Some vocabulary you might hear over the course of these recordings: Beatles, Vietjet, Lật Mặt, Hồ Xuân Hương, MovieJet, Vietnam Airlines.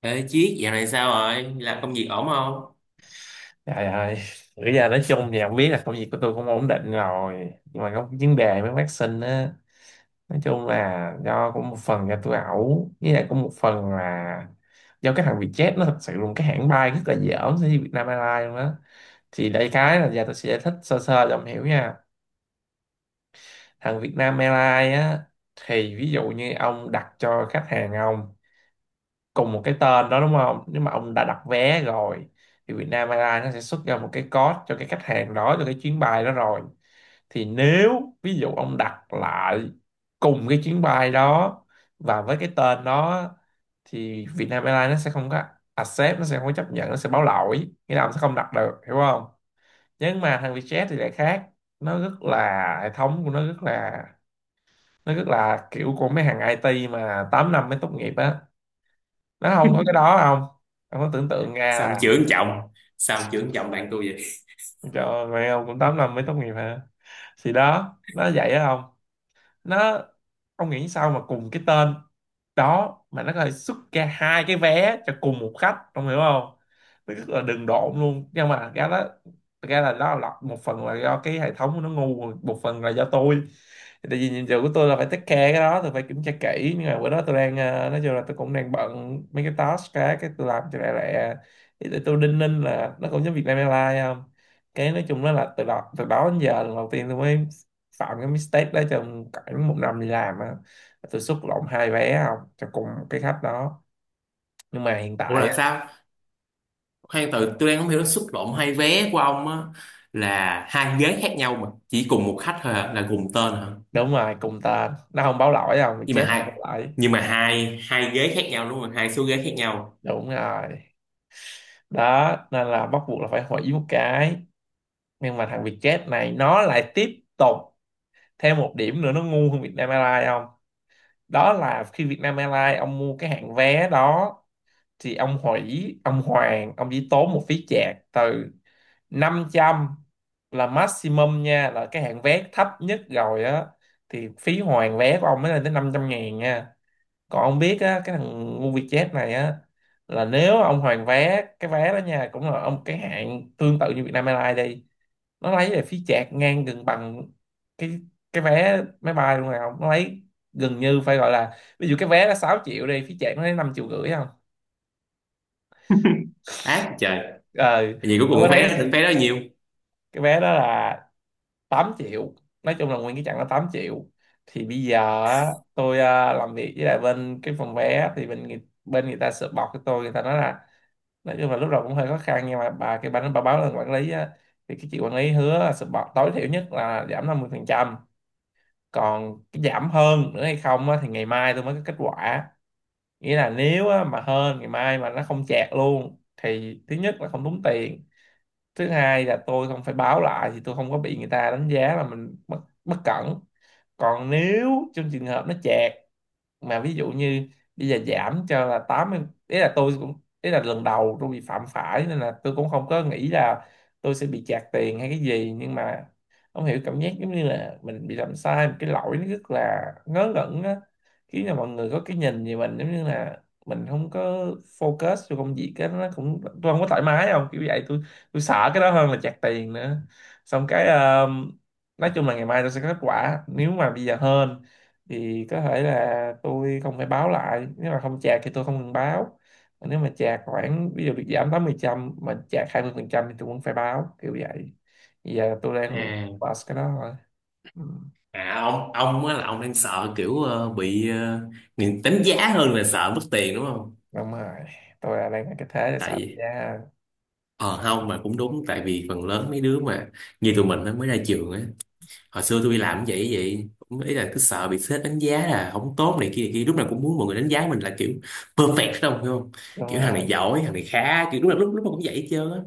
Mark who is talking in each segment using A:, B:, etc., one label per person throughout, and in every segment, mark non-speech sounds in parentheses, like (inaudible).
A: Ê Chiết, dạo này sao rồi? Làm công việc ổn không?
B: Trời ơi, bây giờ nói chung thì không biết là công việc của tôi cũng ổn định rồi. Nhưng mà có vấn đề với bác sinh á. Nói chung là do cũng một phần là tôi ẩu. Với lại cũng một phần là do cái thằng Vietjet, nó thật sự là một cái hãng bay rất là dởm so với Vietnam Airlines luôn á. Thì đây cái là giờ tôi sẽ giải thích sơ sơ cho ông hiểu nha. Thằng Vietnam Airlines á, thì ví dụ như ông đặt cho khách hàng ông cùng một cái tên đó, đúng không, nếu mà ông đã đặt vé rồi thì Vietnam Airlines nó sẽ xuất ra một cái code cho cái khách hàng đó, cho cái chuyến bay đó rồi, thì nếu ví dụ ông đặt lại cùng cái chuyến bay đó và với cái tên đó thì Vietnam Airlines nó sẽ không có accept, nó sẽ không có chấp nhận, nó sẽ báo lỗi, nghĩa là ông sẽ không đặt được, hiểu không. Nhưng mà thằng Vietjet thì lại khác, nó rất là, hệ thống của nó rất là, nó rất là kiểu của mấy hàng IT mà 8 năm mới tốt nghiệp á, nó không có cái đó không. Ông có tưởng tượng ra
A: Sao ông
B: là
A: chưởng chồng? Sao ông chưởng chồng bạn tôi vậy?
B: cho mẹ ông cũng tám năm mới tốt nghiệp hả? Thì đó nó vậy á không, nó, ông nghĩ sao mà cùng cái tên đó mà nó có thể xuất ra hai cái vé cho cùng một khách, ông hiểu không. Nó rất là đừng độn luôn, nhưng mà cái đó thật ra là nó là một phần là do cái hệ thống của nó ngu, một phần là do tôi. Tại vì nhiệm vụ của tôi là phải take care cái đó, tôi phải kiểm tra kỹ, nhưng mà bữa đó tôi đang nói chung là tôi cũng đang bận mấy cái task, cái tôi làm cho lẹ lẹ, thì tôi đinh ninh là nó cũng giống Vietnam Airlines không. Cái nói chung đó là từ đó đến giờ lần đầu tiên tôi mới phạm cái mistake đó trong khoảng một năm đi làm á, tôi xuất lộn hai vé không cho cùng cái khách đó. Nhưng mà hiện
A: Ủa
B: tại
A: là
B: á,
A: sao? Khoan từ tôi đang không hiểu xúc động hai vé của ông á, là hai ghế khác nhau mà chỉ cùng một khách thôi hả? Là cùng tên hả?
B: đúng rồi, cùng tên nó không báo lỗi, không thì
A: Nhưng mà
B: chết nó báo
A: hai
B: lỗi.
A: nhưng mà hai hai ghế khác nhau đúng không? Hai số ghế khác nhau.
B: Đúng rồi, đó nên là bắt buộc là phải hủy một cái. Nhưng mà thằng Vietjet này nó lại tiếp tục thêm một điểm nữa, nó ngu hơn Vietnam Airlines không. Đó là khi Vietnam Airlines, ông mua cái hạng vé đó thì ông hủy, ông hoàn, ông chỉ tốn một phí chạc từ 500 là maximum nha, là cái hạng vé thấp nhất rồi á, thì phí hoàn vé của ông mới lên tới 500 ngàn nha. Còn ông biết á, cái thằng MovieJet này á, là nếu ông hoàn vé cái vé đó nha, cũng là ông cái hạng tương tự như Vietnam Airlines đi, nó lấy lại phí chạc ngang gần bằng cái cái vé máy bay luôn nào, nó lấy gần như, phải gọi là, ví dụ cái vé là 6 triệu đi, phí chạc nó lấy 5 triệu rưỡi không.
A: Ác trời.
B: Ờ,
A: Vậy cuối
B: ông có
A: cùng
B: thấy
A: cái
B: cái sự,
A: vé đó nhiều.
B: cái vé đó là 8 triệu, nói chung là nguyên cái chặng đó 8 triệu. Thì bây giờ á, tôi à, làm việc với lại bên cái phòng vé thì bên người ta sợ bọc cho tôi, người ta nói là nói chung là lúc đầu cũng hơi khó khăn, nhưng mà bà cái bà báo lên quản lý á, thì cái chị quản lý hứa là sợ bọc tối thiểu nhất là giảm 50 phần trăm. Còn cái giảm hơn nữa hay không á, thì ngày mai tôi mới có kết quả. Nghĩa là nếu á, mà hơn ngày mai mà nó không chẹt luôn thì thứ nhất là không tốn tiền, thứ hai là tôi không phải báo lại thì tôi không có bị người ta đánh giá là mình bất cẩn. Còn nếu trong trường hợp nó chẹt, mà ví dụ như bây giờ giảm cho là 80, ý là tôi cũng, ý là lần đầu tôi bị phạm phải nên là tôi cũng không có nghĩ là tôi sẽ bị phạt tiền hay cái gì, nhưng mà không hiểu cảm giác giống như là mình bị làm sai một cái lỗi nó rất là ngớ ngẩn á, khiến là mọi người có cái nhìn về mình giống như là mình không có focus cho công việc, cái nó cũng, tôi không có thoải mái không, kiểu vậy. Tôi sợ cái đó hơn là phạt tiền nữa. Xong cái nói chung là ngày mai tôi sẽ có kết quả, nếu mà bây giờ hên thì có thể là tôi không phải báo lại, nếu mà không chạc thì tôi không cần báo. Còn nếu mà chạc khoảng ví dụ bị giảm 80% mà chạc 20% thì tôi cũng phải báo kiểu vậy. Bây giờ tôi đang
A: À,
B: pass cái đó rồi. Ừ.
A: à, ông á là ông đang sợ kiểu bị người đánh giá hơn là sợ mất tiền đúng không?
B: Đúng rồi, tôi là đang ở cái thế là
A: Tại
B: sợ,
A: vì
B: yeah.
A: Ờ không mà cũng đúng, tại vì phần lớn mấy đứa mà như tụi mình nó mới ra trường á, hồi xưa tôi đi làm cũng vậy vậy, cũng ý là cứ sợ bị sếp đánh giá là không tốt này kia này kia, lúc nào cũng muốn mọi người đánh giá mình là kiểu perfect đâu hiểu không,
B: Đúng
A: kiểu thằng
B: rồi.
A: này giỏi thằng này khá, kiểu lúc nào lúc nào cũng vậy hết trơn á,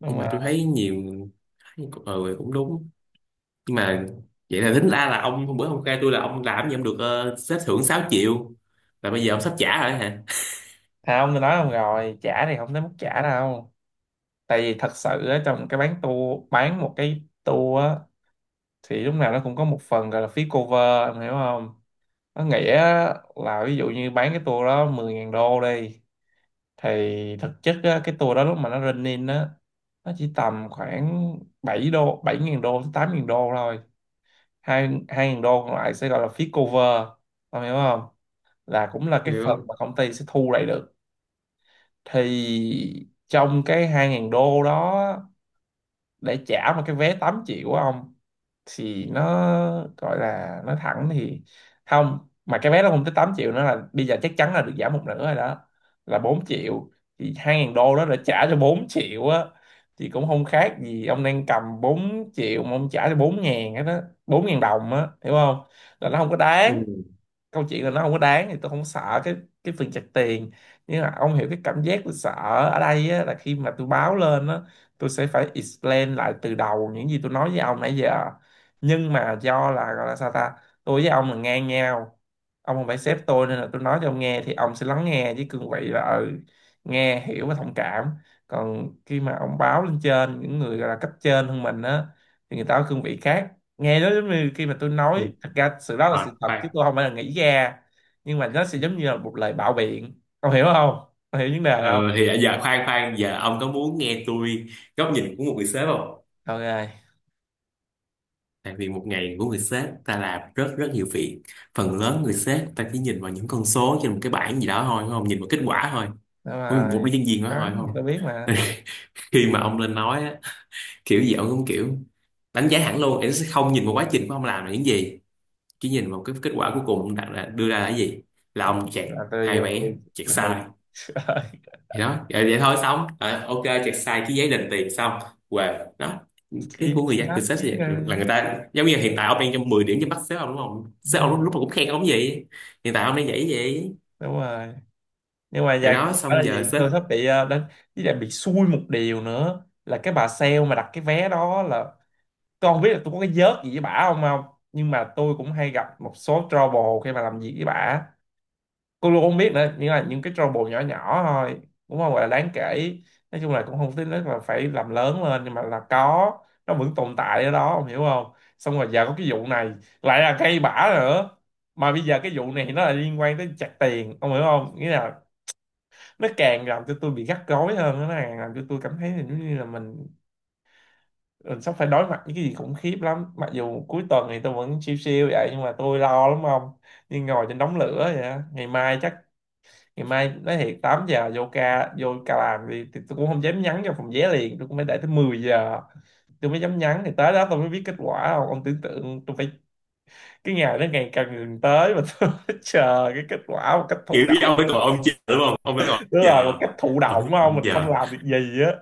B: Đúng
A: nhưng mà
B: rồi,
A: tôi thấy nhiều, ừ cũng đúng, nhưng mà vậy là tính ra là ông hôm bữa ông khai tôi là ông làm gì ông được sếp thưởng 6 triệu, là bây giờ ông sắp trả rồi hả,
B: không tôi nói, không rồi trả thì không tới mức trả đâu. Tại vì thật sự á, trong cái bán tour, bán một cái tour á thì lúc nào nó cũng có một phần gọi là phí cover, em hiểu không. Nó nghĩa là ví dụ như bán cái tour đó mười ngàn đô đi, thì thực chất á, cái tour đó lúc mà nó run in á, nó chỉ tầm khoảng bảy ngàn đô tới 8.000 đô thôi, hai, hai ngàn đô còn lại sẽ gọi là phí cover, ông hiểu không, là cũng là cái
A: hiểu
B: phần
A: không?
B: mà công ty sẽ thu lại được. Thì trong cái hai ngàn đô đó để trả một cái vé 8 triệu của ông, thì nó gọi là nói thẳng thì không, mà cái vé nó không tới 8 triệu nữa, là bây giờ chắc chắn là được giảm một nửa rồi đó, là 4 triệu, thì hai ngàn đô đó đã trả cho 4 triệu á, thì cũng không khác gì ông đang cầm 4 triệu mà ông trả cho 4 ngàn hết á, 4 ngàn đồng á, hiểu không, là nó không có
A: Ừ.
B: đáng. Câu chuyện là nó không có đáng, thì tôi không sợ cái phần chặt tiền, nhưng mà ông hiểu cái cảm giác tôi sợ ở đây á, là khi mà tôi báo lên á, tôi sẽ phải explain lại từ đầu những gì tôi nói với ông nãy giờ, nhưng mà do là, gọi là sao ta, tôi với ông là ngang nhau, ông không phải sếp tôi, nên là tôi nói cho ông nghe thì ông sẽ lắng nghe với cương vị là nghe hiểu và thông cảm. Còn khi mà ông báo lên trên những người gọi là cấp trên hơn mình á, thì người ta có cương vị khác, nghe nó giống như khi mà tôi
A: Ừ.
B: nói thật ra sự đó là
A: Rồi
B: sự thật,
A: bye.
B: chứ tôi không phải là nghĩ ra, nhưng mà nó sẽ giống như là một lời bạo biện, ông hiểu không, ông hiểu vấn đề không.
A: Ờ, thì à, giờ khoan khoan, giờ ông có muốn nghe tôi góc nhìn của một người sếp không?
B: OK.
A: Tại vì một ngày của người sếp ta làm rất rất nhiều việc. Phần lớn người sếp ta chỉ nhìn vào những con số trên một cái bảng gì đó thôi đúng không? Nhìn vào kết quả thôi.
B: Đó
A: Với
B: là,
A: một cái nhân viên đó
B: đó
A: thôi đúng
B: gì tôi
A: không?
B: biết
A: (laughs)
B: mà,
A: Khi mà ông lên nói á, kiểu gì ông cũng kiểu đánh giá hẳn luôn. Em sẽ không nhìn vào quá trình của ông làm là những gì. Chỉ nhìn vào cái kết quả cuối cùng ông đặt ra, đưa ra là cái gì. Là ông chẹt
B: là tôi
A: hai
B: giờ
A: vé, chẹt
B: là
A: sai.
B: là- (laughs)
A: Thì đó vậy, vậy thôi xong. Ờ, ok chẹt sai cái giấy đền tiền xong, và đó cái
B: chỉ
A: của người
B: chỉ
A: dân từ
B: đánh,
A: sếp
B: chỉ
A: sẽ vậy,
B: nghe.
A: là người ta giống như hiện tại ông đang cho 10 điểm cho bắt sếp ông đúng không,
B: Đúng
A: sếp ông lúc
B: rồi.
A: lúc mà cũng khen ông vậy, hiện tại ông đang vậy vậy
B: Đúng rồi, nhưng mà
A: rồi
B: giờ
A: đó,
B: cũng
A: xong
B: phải là
A: giờ
B: gì,
A: sếp
B: tôi sắp bị đánh. Với lại bị xui một điều nữa là cái bà sale mà đặt cái vé đó là, tôi không biết là tôi có cái vớt gì với bả không không, nhưng mà tôi cũng hay gặp một số trouble khi mà làm việc với bả, cô luôn, không biết nữa, nhưng là những cái trouble nhỏ nhỏ thôi, cũng không gọi là đáng kể, nói chung là cũng không tính là phải làm lớn lên, nhưng mà là có, nó vẫn tồn tại ở đó, ông hiểu không. Xong rồi giờ có cái vụ này lại là cây bả nữa, mà bây giờ cái vụ này nó là liên quan tới chặt tiền, ông hiểu không, nghĩa là nó càng làm cho tôi bị gắt gối hơn, nó càng làm cho tôi cảm thấy là giống như là mình sắp phải đối mặt với cái gì khủng khiếp lắm, mặc dù cuối tuần thì tôi vẫn siêu siêu vậy, nhưng mà tôi lo lắm không, như ngồi trên đống lửa vậy á. Ngày mai chắc, ngày mai nói thiệt 8 giờ vô ca, làm đi thì tôi cũng không dám nhắn cho phòng vé liền, tôi cũng phải đợi tới 10 giờ tôi mới dám nhắn, thì tới đó tôi mới biết kết quả không. Ông tưởng tượng tôi phải, cái ngày đó ngày càng gần tới mà (laughs) tôi phải chờ cái kết quả một cách thụ
A: kiểu như
B: động.
A: ông phải còn ông chờ đúng không, ông phải còn ông
B: Đúng rồi, một
A: chờ,
B: cách thụ
A: ông phải
B: động
A: còn
B: không,
A: ông
B: mình không
A: giờ
B: làm được gì á.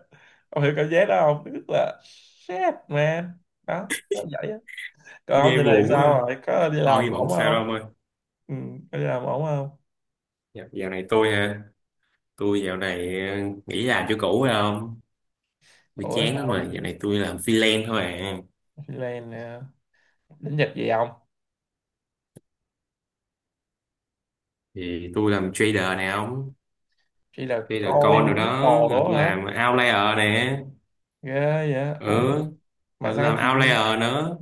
B: Ông hiểu cảm giác đó không, tức là shit man, đó nó vậy á. Còn ông
A: nghe
B: giờ này
A: buồn quá
B: sao
A: ha,
B: rồi, có đi
A: thôi
B: làm
A: nhưng mà
B: ổn
A: không sao
B: không?
A: đâu ông ơi.
B: Ừ, có đi làm ổn không?
A: Dạ, dạo này tôi ha, tôi dạo này nghỉ làm chỗ cũ phải không, tôi
B: Ủa
A: chán lắm
B: sao
A: mà, dạo này tôi làm freelance thôi à,
B: này, đến giờ gì không?
A: thì tôi làm trader nè ông.
B: Chị là
A: Đây là
B: coi
A: con rồi đó,
B: Beatles
A: là
B: đó
A: tôi
B: hả?
A: làm outlayer nè.
B: Ghê vậy.
A: Ừ,
B: Ủa mà
A: tôi
B: sao
A: làm
B: chị,
A: outlayer nữa.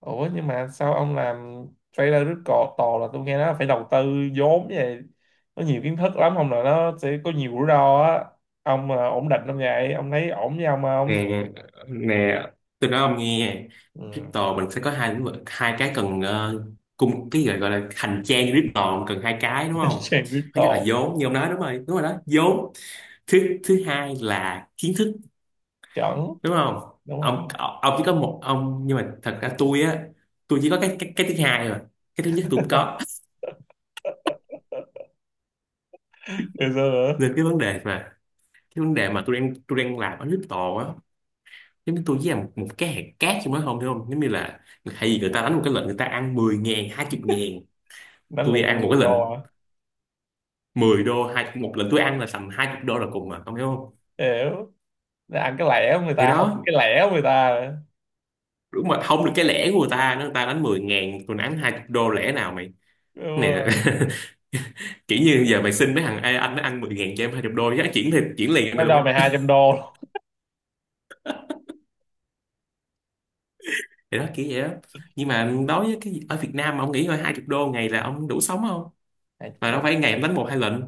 B: ủa nhưng mà sao ông làm trailer, rất cò tò là tôi nghe nó phải đầu tư vốn vậy. Nó nhiều kiến thức lắm không, là nó sẽ có nhiều rủi ro á. Ông à, ổn định không vậy? Ông thấy ổn với ông không?
A: Nè, nè, tôi nói ông nghe,
B: Ừ.
A: crypto mình sẽ có hai lĩnh vực, hai cái cần cung, cái gọi là hành trang crypto cần hai cái đúng
B: (laughs)
A: không,
B: Chàng
A: thứ nhất là
B: Beatles.
A: vốn như ông nói, đúng rồi đó vốn, thứ thứ hai là kiến thức,
B: Chuẩn.
A: đúng không
B: Đúng không?
A: ông, chỉ có một ông nhưng mà thật ra tôi á, tôi chỉ có cái thứ hai rồi, cái thứ nhất tôi cũng có,
B: Ngày xưa nữa.
A: nên cái vấn đề mà cái vấn đề mà tôi đang làm ở crypto á, giống như tôi với một cái hạt cát trong đó không hiểu không, giống như là hay gì người ta đánh một cái lệnh người ta ăn 10.000 20 ngàn,
B: Đánh
A: tôi
B: lượt ăn
A: ăn một
B: 10
A: cái lệnh
B: đô à?
A: 10 đô, hai một lệnh tôi ăn là tầm 20 đô là cùng mà không hiểu không,
B: Hiểu. Để ăn cái lẻ của người
A: thì
B: ta không,
A: đó,
B: cái lẻ của người ta.
A: đúng mà không được cái lẻ của người ta, nó người ta đánh 10.000 tôi đánh 20 đô lẻ nào mày,
B: Đúng
A: cái này là
B: rồi.
A: (laughs) kiểu như giờ mày xin mấy thằng "Ê, anh nó ăn 10.000 cho em 20 đô giá chuyển thì chuyển liền cho mày
B: Nó cho
A: luôn
B: mày
A: á,
B: 200 đô.
A: thì đó kiểu vậy đó, nhưng mà đối với cái ở Việt Nam mà ông nghĩ coi 20 đô ngày là ông đủ sống không,
B: 200
A: mà
B: đô.
A: đâu phải ngày ông đánh một hai lệnh,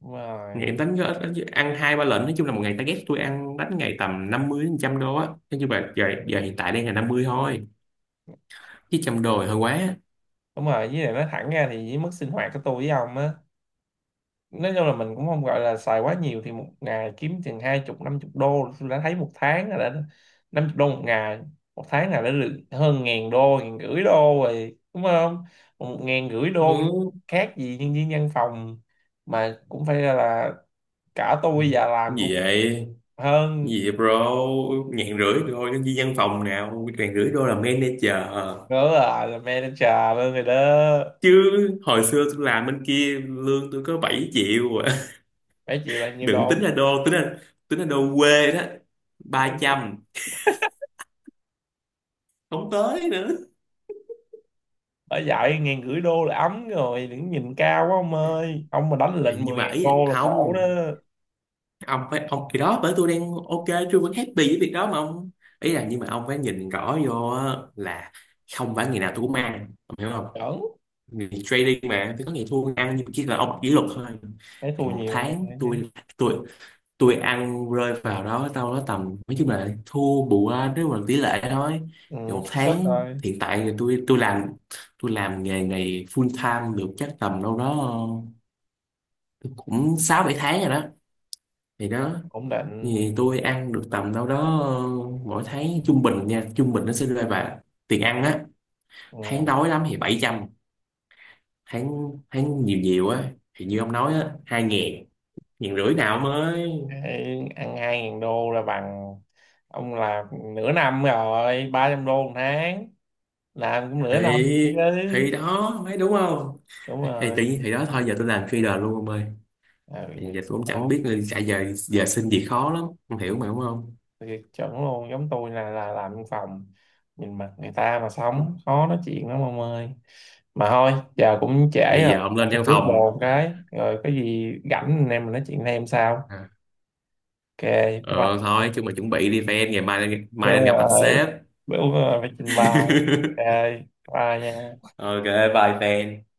B: Đúng
A: ngày
B: rồi.
A: em đánh ăn hai ba lệnh, nói chung là một ngày target tôi ăn đánh ngày tầm 50 đến 100 đô á, nói chung là giờ hiện tại đang là 50 thôi, chứ 100 đô thì hơi quá.
B: Đúng rồi, với lại nói thẳng ra thì với mức sinh hoạt của tôi với ông á, nói chung là mình cũng không gọi là xài quá nhiều, thì một ngày kiếm chừng hai chục năm chục đô tôi đã thấy, một tháng là đã, năm chục đô một ngày, một tháng là đã được hơn ngàn đô, ngàn rưỡi đô rồi, đúng không, một ngàn rưỡi đô,
A: Ừ.
B: khác gì nhân viên văn phòng, mà cũng phải là cả tôi già làm cũng
A: Gì vậy,
B: hơn,
A: gì vậy bro, 1.500 thôi nhân viên văn phòng nào 1.500 đô là manager
B: nữa là manager luôn rồi đó.
A: chứ, hồi xưa tôi làm bên kia lương tôi có 7 triệu à.
B: Phải chịu là
A: (laughs)
B: nhiêu
A: Đừng tính là
B: đô,
A: đô, tính là đô quê đó, 300 không tới nữa.
B: bà dạy ngàn rưỡi đô là ấm rồi, đừng nhìn cao quá ông ơi, ông mà đánh lệnh
A: Nhưng
B: 10
A: mà
B: ngàn
A: ý là
B: đô là khổ đó.
A: không, ông phải ông thì đó, bởi tôi đang ok, tôi vẫn happy với việc đó mà ông, ý là nhưng mà ông phải nhìn rõ vô á, là không phải ngày nào tôi cũng ăn ông hiểu không,
B: Chuẩn.
A: người trading mà thì có ngày thua ăn, nhưng mà chỉ là ông kỷ luật thôi,
B: Thấy thua
A: thì một
B: nhiều ăn
A: tháng
B: ngay chứ.
A: tôi tôi tôi ăn rơi vào đó đâu đó tầm, nói chung là thua bù ra nếu mà tỷ lệ thôi,
B: Ừ,
A: thì một
B: xác suất
A: tháng
B: thôi.
A: hiện tại thì tôi làm nghề này full time được chắc tầm đâu đó ờ, cũng 6 7 tháng rồi đó, thì đó.
B: Ổn định.
A: Thì tôi ăn được tầm đâu đó mỗi tháng trung bình nha, trung bình nó sẽ rơi vào tiền ăn á, tháng
B: Ừ.
A: đói lắm thì 700, tháng tháng nhiều nhiều á thì như ông nói á, 2.000, 1.500 nào mới,
B: Cái ăn hai ngàn đô là bằng ông làm nửa năm rồi, ba trăm đô một tháng làm cũng nửa năm
A: thì
B: chứ.
A: thì đó mấy đúng không,
B: Đúng
A: (laughs) thì
B: rồi.
A: tự nhiên thì đó thôi, giờ tôi làm trader luôn ông ơi,
B: Ừ,
A: thì
B: vậy
A: giờ
B: cũng
A: tôi cũng chẳng
B: tốt.
A: biết là chạy giờ giờ xin việc khó lắm không hiểu mà đúng không,
B: Vậy chuẩn luôn, giống tôi là làm văn phòng nhìn mặt người ta mà sống, khó nói chuyện lắm ông ơi. Mà thôi giờ cũng trễ
A: thì
B: rồi.
A: giờ ông lên
B: Tôi
A: văn
B: bước
A: phòng.
B: bồ cái rồi, có gì rảnh anh em mình nói chuyện thêm sao.
A: À.
B: OK, bye
A: Ờ thôi chứ
B: bye.
A: mà chuẩn bị đi fan ngày mai,
B: bữa,
A: mai lên gặp mặt
B: ờ,
A: sếp.
B: bữa phải trình bày. OK, bye nha.
A: (laughs) Ok, bye fan.